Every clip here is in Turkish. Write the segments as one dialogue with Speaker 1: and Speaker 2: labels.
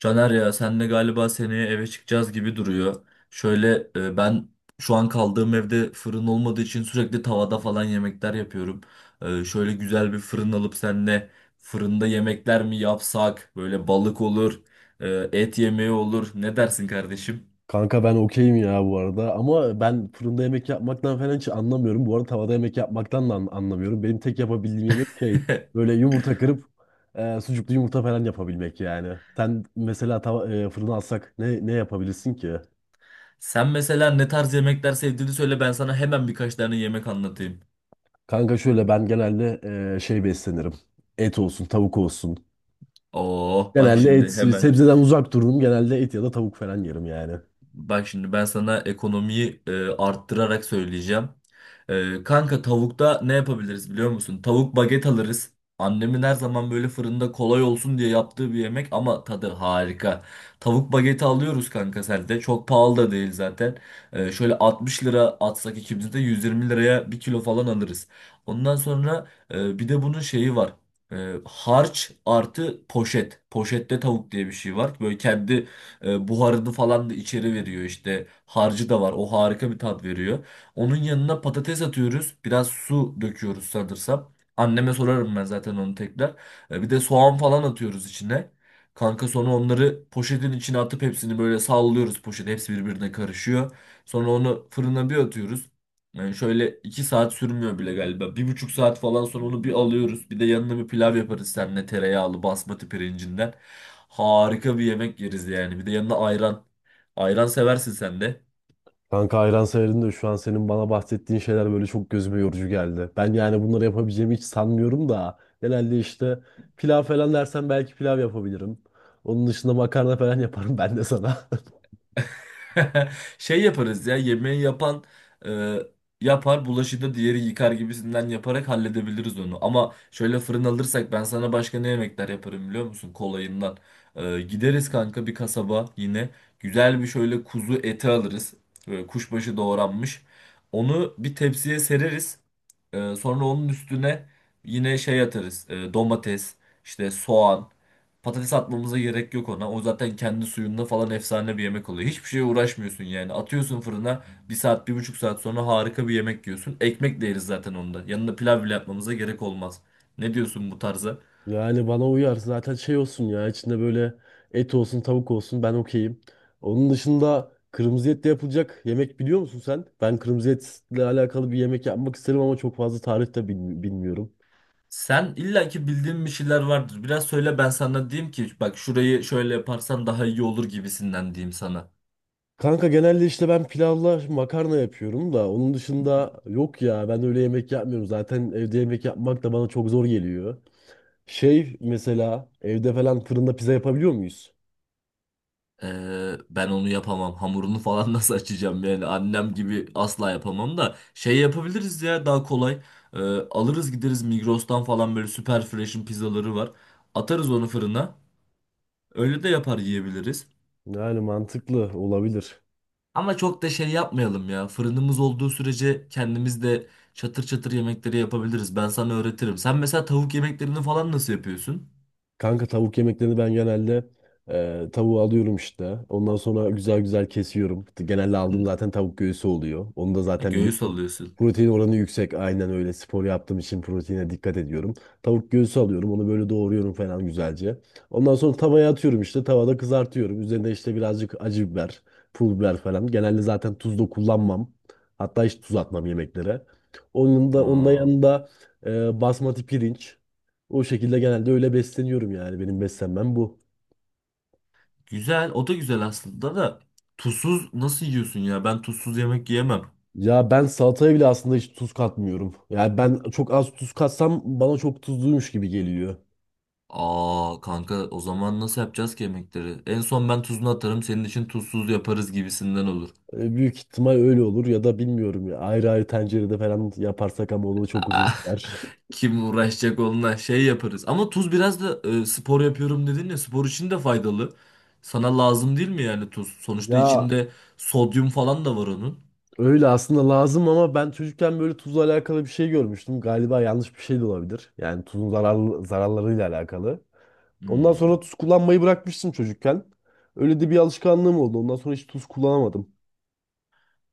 Speaker 1: Caner ya senle galiba seneye eve çıkacağız gibi duruyor. Şöyle ben şu an kaldığım evde fırın olmadığı için sürekli tavada falan yemekler yapıyorum. Şöyle güzel bir fırın alıp senle fırında yemekler mi yapsak? Böyle balık olur, et yemeği olur. Ne dersin kardeşim?
Speaker 2: Kanka ben okeyim ya bu arada ama ben fırında yemek yapmaktan falan hiç anlamıyorum. Bu arada tavada yemek yapmaktan da anlamıyorum. Benim tek yapabildiğim yemek şey böyle yumurta kırıp sucuklu yumurta falan yapabilmek yani. Sen mesela fırına alsak ne yapabilirsin ki?
Speaker 1: Sen mesela ne tarz yemekler sevdiğini söyle ben sana hemen birkaç tane yemek anlatayım.
Speaker 2: Kanka şöyle ben genelde şey beslenirim. Et olsun tavuk olsun.
Speaker 1: Oh bak
Speaker 2: Genelde et
Speaker 1: şimdi hemen.
Speaker 2: sebzeden uzak dururum. Genelde et ya da tavuk falan yerim yani.
Speaker 1: Bak şimdi ben sana ekonomiyi arttırarak söyleyeceğim. Kanka tavukta ne yapabiliriz biliyor musun? Tavuk baget alırız. Annemin her zaman böyle fırında kolay olsun diye yaptığı bir yemek ama tadı harika. Tavuk bageti alıyoruz kanka selde. Çok pahalı da değil zaten. Şöyle 60 lira atsak ikimiz de 120 liraya bir kilo falan alırız. Ondan sonra bir de bunun şeyi var. Harç artı poşet. Poşette tavuk diye bir şey var. Böyle kendi buharını falan da içeri veriyor işte. Harcı da var. O harika bir tat veriyor. Onun yanına patates atıyoruz. Biraz su döküyoruz sanırsam. Anneme sorarım ben zaten onu tekrar. Bir de soğan falan atıyoruz içine. Kanka sonra onları poşetin içine atıp hepsini böyle sallıyoruz poşet. Hepsi birbirine karışıyor. Sonra onu fırına bir atıyoruz. Yani şöyle 2 saat sürmüyor bile galiba. 1,5 saat falan sonra onu bir alıyoruz. Bir de yanına bir pilav yaparız seninle tereyağlı basmati pirincinden. Harika bir yemek yeriz yani. Bir de yanına ayran. Ayran seversin sen de.
Speaker 2: Kanka hayran sayarım da şu an senin bana bahsettiğin şeyler böyle çok gözüme yorucu geldi. Ben yani bunları yapabileceğimi hiç sanmıyorum da. Genelde işte pilav falan dersen belki pilav yapabilirim. Onun dışında makarna falan yaparım ben de sana.
Speaker 1: Şey yaparız ya yemeği yapan e, yapar, bulaşığı da diğeri yıkar gibisinden yaparak halledebiliriz onu. Ama şöyle fırın alırsak ben sana başka ne yemekler yaparım biliyor musun kolayından. Gideriz kanka bir kasaba yine güzel bir şöyle kuzu eti alırız. Böyle kuşbaşı doğranmış. Onu bir tepsiye sereriz. Sonra onun üstüne yine şey atarız. Domates, işte soğan. Patates atmamıza gerek yok ona. O zaten kendi suyunda falan efsane bir yemek oluyor. Hiçbir şeye uğraşmıyorsun yani. Atıyorsun fırına 1 saat, 1,5 saat sonra harika bir yemek yiyorsun. Ekmek de yeriz zaten onda. Yanında pilav bile yapmamıza gerek olmaz. Ne diyorsun bu tarza?
Speaker 2: Yani bana uyar. Zaten şey olsun ya içinde böyle et olsun tavuk olsun ben okeyim. Onun dışında kırmızı etle yapılacak yemek biliyor musun sen? Ben kırmızı etle alakalı bir yemek yapmak isterim ama çok fazla tarif de bilmiyorum.
Speaker 1: Sen illaki bildiğin bir şeyler vardır. Biraz söyle ben sana diyeyim ki bak şurayı şöyle yaparsan daha iyi olur gibisinden diyeyim sana.
Speaker 2: Kanka genelde işte ben pilavla makarna yapıyorum da onun dışında yok ya ben öyle yemek yapmıyorum. Zaten evde yemek yapmak da bana çok zor geliyor. Şey mesela evde falan fırında pizza yapabiliyor muyuz?
Speaker 1: Ben onu yapamam. Hamurunu falan nasıl açacağım yani? Annem gibi asla yapamam da. Şey yapabiliriz ya daha kolay. Ee, Alırız gideriz Migros'tan falan böyle süper fresh'in pizzaları var. Atarız onu fırına. Öyle de yapar yiyebiliriz.
Speaker 2: Yani mantıklı olabilir.
Speaker 1: Ama çok da şey yapmayalım ya. Fırınımız olduğu sürece kendimiz de çatır çatır yemekleri yapabiliriz. Ben sana öğretirim. Sen mesela tavuk yemeklerini falan nasıl yapıyorsun?
Speaker 2: Kanka tavuk yemeklerini ben genelde tavuğu alıyorum işte. Ondan sonra güzel güzel kesiyorum. Genelde aldığım zaten tavuk göğsü oluyor. Onu da zaten
Speaker 1: Göğüs
Speaker 2: biliyorsun
Speaker 1: alıyorsun.
Speaker 2: protein oranı yüksek. Aynen öyle spor yaptığım için proteine dikkat ediyorum. Tavuk göğsü alıyorum. Onu böyle doğruyorum falan güzelce. Ondan sonra tavaya atıyorum işte. Tavada kızartıyorum. Üzerine işte birazcık acı biber, pul biber falan. Genelde zaten tuz da kullanmam. Hatta hiç tuz atmam yemeklere. Onun da
Speaker 1: Aa.
Speaker 2: yanında basmati pirinç. O şekilde genelde öyle besleniyorum yani. Benim beslenmem bu.
Speaker 1: Güzel. O da güzel aslında da. Tuzsuz nasıl yiyorsun ya? Ben tuzsuz yemek yiyemem.
Speaker 2: Ya ben salataya bile aslında hiç tuz katmıyorum. Yani ben çok az tuz katsam bana çok tuzluymuş gibi geliyor.
Speaker 1: Aa kanka o zaman nasıl yapacağız ki yemekleri? En son ben tuzunu atarım senin için tuzsuz yaparız gibisinden olur.
Speaker 2: Büyük ihtimal öyle olur ya da bilmiyorum ya. Ayrı ayrı tencerede falan yaparsak ama o da çok uzun
Speaker 1: Aa,
Speaker 2: sürer.
Speaker 1: kim uğraşacak onunla şey yaparız. Ama tuz biraz da spor yapıyorum dedin ya spor için de faydalı. Sana lazım değil mi yani tuz? Sonuçta
Speaker 2: Ya
Speaker 1: içinde sodyum falan da var onun.
Speaker 2: öyle aslında lazım ama ben çocukken böyle tuzla alakalı bir şey görmüştüm. Galiba yanlış bir şey de olabilir. Yani zararlarıyla alakalı. Ondan
Speaker 1: Hmm.
Speaker 2: sonra tuz kullanmayı bırakmıştım çocukken. Öyle de bir alışkanlığım oldu. Ondan sonra hiç tuz kullanamadım.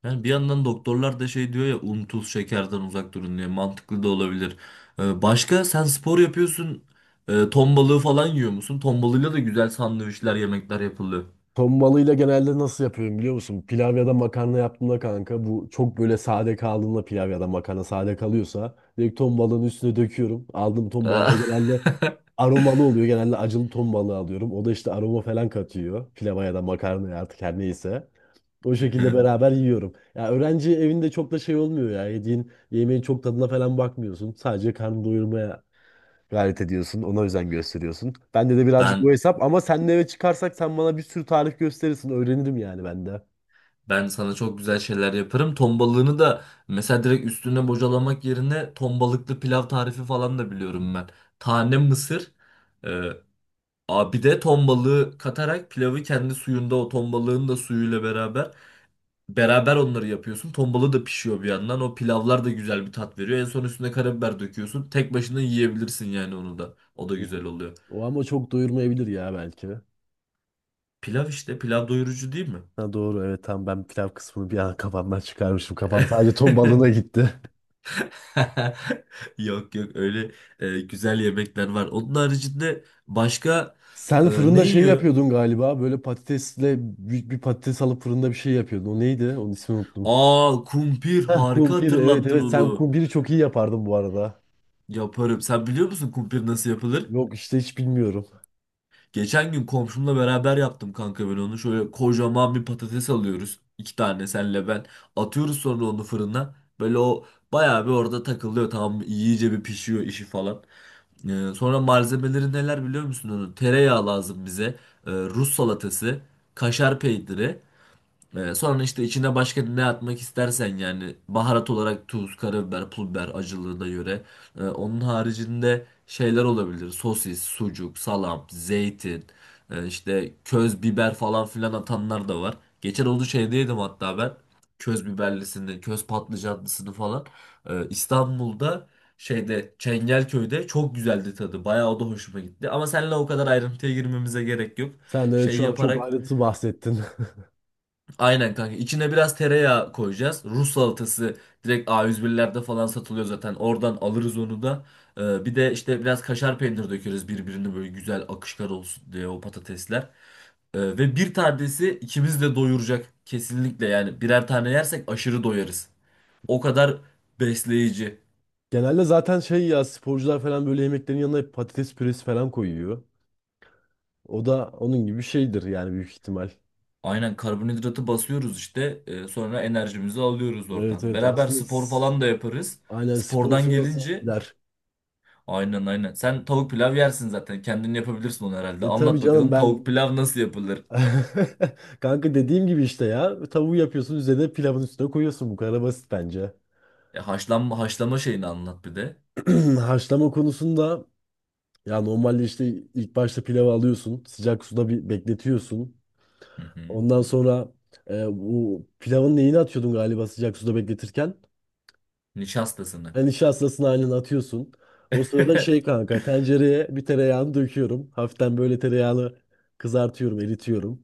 Speaker 1: Yani bir yandan doktorlar da şey diyor ya un tuz şekerden uzak durun diye mantıklı da olabilir. Başka sen spor yapıyorsun ton balığı falan yiyor musun? Ton balığıyla da güzel sandviçler yemekler yapılıyor.
Speaker 2: Ton balığıyla genelde nasıl yapıyorum biliyor musun? Pilav ya da makarna yaptığımda kanka bu çok böyle sade kaldığında pilav ya da makarna sade kalıyorsa direkt ton balığının üstüne döküyorum. Aldığım ton balığı da genelde aromalı oluyor. Genelde acılı ton balığı alıyorum. O da işte aroma falan katıyor. Pilava ya da makarnaya artık her neyse. O şekilde beraber yiyorum. Ya öğrenci evinde çok da şey olmuyor ya. Yediğin yemeğin çok tadına falan bakmıyorsun. Sadece karnını doyurmaya gayret ediyorsun. Ona özen gösteriyorsun. Bende de birazcık o
Speaker 1: Ben
Speaker 2: hesap ama senle eve çıkarsak sen bana bir sürü tarif gösterirsin. Öğrenirim yani ben de.
Speaker 1: ben sana çok güzel şeyler yaparım. Ton balığını da mesela direkt üstüne bocalamak yerine ton balıklı pilav tarifi falan da biliyorum ben. Tane mısır, e, bir de ton balığı katarak pilavı kendi suyunda o ton balığın da suyuyla beraber onları yapıyorsun. Tombalı da pişiyor bir yandan. O pilavlar da güzel bir tat veriyor. En son üstüne karabiber döküyorsun. Tek başına yiyebilirsin yani onu da. O da
Speaker 2: O
Speaker 1: güzel oluyor.
Speaker 2: O ama çok doyurmayabilir ya belki.
Speaker 1: Pilav işte. Pilav doyurucu değil mi?
Speaker 2: Ha doğru, evet, tamam, ben pilav kısmını bir an kafamdan çıkarmışım. Kafam sadece ton balığına gitti.
Speaker 1: Yok yok öyle güzel yemekler var. Onun haricinde başka
Speaker 2: Sen
Speaker 1: e, ne
Speaker 2: fırında şey
Speaker 1: yiyor?
Speaker 2: yapıyordun galiba. Böyle patatesle büyük bir patates alıp fırında bir şey yapıyordun. O neydi? Onun ismini unuttum.
Speaker 1: Aa kumpir
Speaker 2: Heh,
Speaker 1: harika
Speaker 2: kumpir, evet,
Speaker 1: hatırlattın
Speaker 2: evet, sen
Speaker 1: onu.
Speaker 2: kumpiri çok iyi yapardın bu arada.
Speaker 1: Yaparım. Sen biliyor musun kumpir nasıl yapılır?
Speaker 2: Yok işte hiç bilmiyorum.
Speaker 1: Geçen gün komşumla beraber yaptım kanka ben onu. Şöyle kocaman bir patates alıyoruz. 2 tane senle ben. Atıyoruz sonra onu fırına. Böyle o bayağı bir orada takılıyor. Tamam iyice bir pişiyor işi falan. Sonra malzemeleri neler biliyor musun onu? Tereyağı lazım bize. Rus salatası. Kaşar peyniri. Sonra işte içine başka ne atmak istersen yani baharat olarak tuz, karabiber, pul biber acılığına göre. Onun haricinde şeyler olabilir. Sosis, sucuk, salam, zeytin, işte köz biber falan filan atanlar da var. Geçen olduğu şeyde yedim hatta ben. Köz biberlisini, köz patlıcanlısını falan. İstanbul'da şeyde Çengelköy'de çok güzeldi tadı. Bayağı o da hoşuma gitti. Ama seninle o kadar ayrıntıya girmemize gerek yok.
Speaker 2: Sen de evet
Speaker 1: Şey
Speaker 2: şu an çok
Speaker 1: yaparak.
Speaker 2: ayrıntı bahsettin.
Speaker 1: Aynen kanka. İçine biraz tereyağı koyacağız. Rus salatası direkt A101'lerde falan satılıyor zaten. Oradan alırız onu da. Bir de işte biraz kaşar peynir dökeriz birbirine böyle güzel akışkar olsun diye o patatesler. Ve bir tanesi ikimiz de doyuracak. Kesinlikle yani birer tane yersek aşırı doyarız. O kadar besleyici.
Speaker 2: Genelde zaten şey ya sporcular falan böyle yemeklerin yanına hep patates püresi falan koyuyor. O da onun gibi bir şeydir yani büyük ihtimal.
Speaker 1: Aynen karbonhidratı basıyoruz işte. Sonra enerjimizi alıyoruz
Speaker 2: Evet,
Speaker 1: oradan.
Speaker 2: evet,
Speaker 1: Beraber
Speaker 2: aslında
Speaker 1: spor falan da yaparız.
Speaker 2: aynen spor
Speaker 1: Spordan
Speaker 2: sonrası iyi
Speaker 1: gelince.
Speaker 2: gider.
Speaker 1: Aynen aynen. Sen tavuk pilav yersin zaten. Kendin yapabilirsin onu herhalde.
Speaker 2: E tabii
Speaker 1: Anlat
Speaker 2: canım
Speaker 1: bakalım tavuk
Speaker 2: ben
Speaker 1: pilav nasıl yapılır?
Speaker 2: kanka dediğim gibi işte ya tavuğu yapıyorsun üzerine pilavın üstüne koyuyorsun bu kadar basit bence.
Speaker 1: E, haşlanma haşlama şeyini anlat bir de.
Speaker 2: Haşlama konusunda ya normalde işte ilk başta pilavı alıyorsun sıcak suda bir bekletiyorsun.
Speaker 1: Hı hı.
Speaker 2: Ondan sonra bu pilavın neyini atıyordun galiba sıcak suda bekletirken?
Speaker 1: Nişastasını.
Speaker 2: Yani nişastasını halini atıyorsun. O sırada şey kanka tencereye bir tereyağını döküyorum. Hafiften böyle tereyağını kızartıyorum, eritiyorum.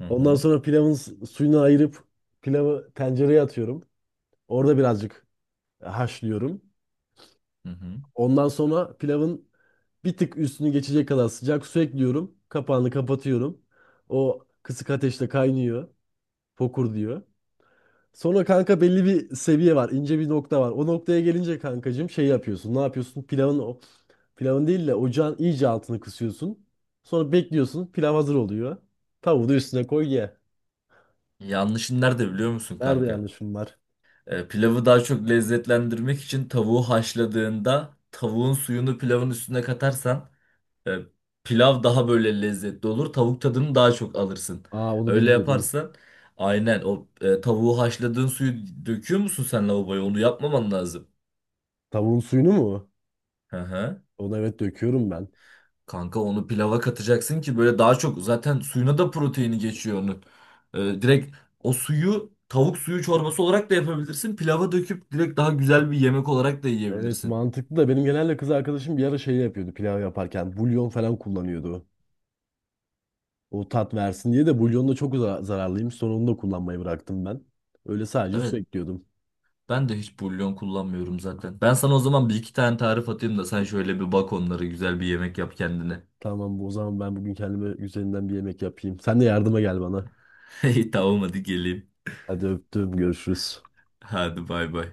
Speaker 1: Hı
Speaker 2: Ondan
Speaker 1: hı.
Speaker 2: sonra pilavın suyunu ayırıp pilavı tencereye atıyorum. Orada birazcık haşlıyorum.
Speaker 1: Hı hı.
Speaker 2: Ondan sonra pilavın bir tık üstünü geçecek kadar sıcak su ekliyorum. Kapağını kapatıyorum. O kısık ateşte kaynıyor. Fokur diyor. Sonra kanka belli bir seviye var, ince bir nokta var. O noktaya gelince kankacığım şey yapıyorsun. Ne yapıyorsun? Pilavın değil de ocağın iyice altını kısıyorsun. Sonra bekliyorsun. Pilav hazır oluyor. Tavuğu da üstüne koy ye.
Speaker 1: Yanlışın nerede biliyor musun
Speaker 2: Nerede
Speaker 1: kanka?
Speaker 2: yanlışım var?
Speaker 1: Pilavı daha çok lezzetlendirmek için tavuğu haşladığında tavuğun suyunu pilavın üstüne katarsan, E, pilav daha böyle lezzetli olur. Tavuk tadını daha çok alırsın.
Speaker 2: Aa, onu
Speaker 1: Öyle
Speaker 2: bilmiyordum.
Speaker 1: yaparsan aynen o tavuğu haşladığın suyu döküyor musun sen lavaboya? Onu yapmaman lazım.
Speaker 2: Tavuğun suyunu mu?
Speaker 1: Hı hı.
Speaker 2: Onu evet döküyorum ben.
Speaker 1: Kanka onu pilava katacaksın ki böyle daha çok zaten suyuna da proteini geçiyor onun. Direkt o suyu tavuk suyu çorbası olarak da yapabilirsin. Pilava döküp direkt daha güzel bir yemek olarak da
Speaker 2: Evet
Speaker 1: yiyebilirsin.
Speaker 2: mantıklı da benim genelde kız arkadaşım bir ara şey yapıyordu pilav yaparken. Bulyon falan kullanıyordu. O tat versin diye de bulyon da çok zararlıymış. Sonra onu da kullanmayı bıraktım ben. Öyle sadece su
Speaker 1: Evet
Speaker 2: ekliyordum.
Speaker 1: ben de hiç bulyon kullanmıyorum zaten. Ben sana o zaman bir iki tane tarif atayım da sen şöyle bir bak onları güzel bir yemek yap kendine.
Speaker 2: Tamam bu o zaman ben bugün kendime üzerinden bir yemek yapayım. Sen de yardıma gel bana.
Speaker 1: İyi, tamam hadi geleyim.
Speaker 2: Hadi öptüm, görüşürüz.
Speaker 1: Hadi bay bay.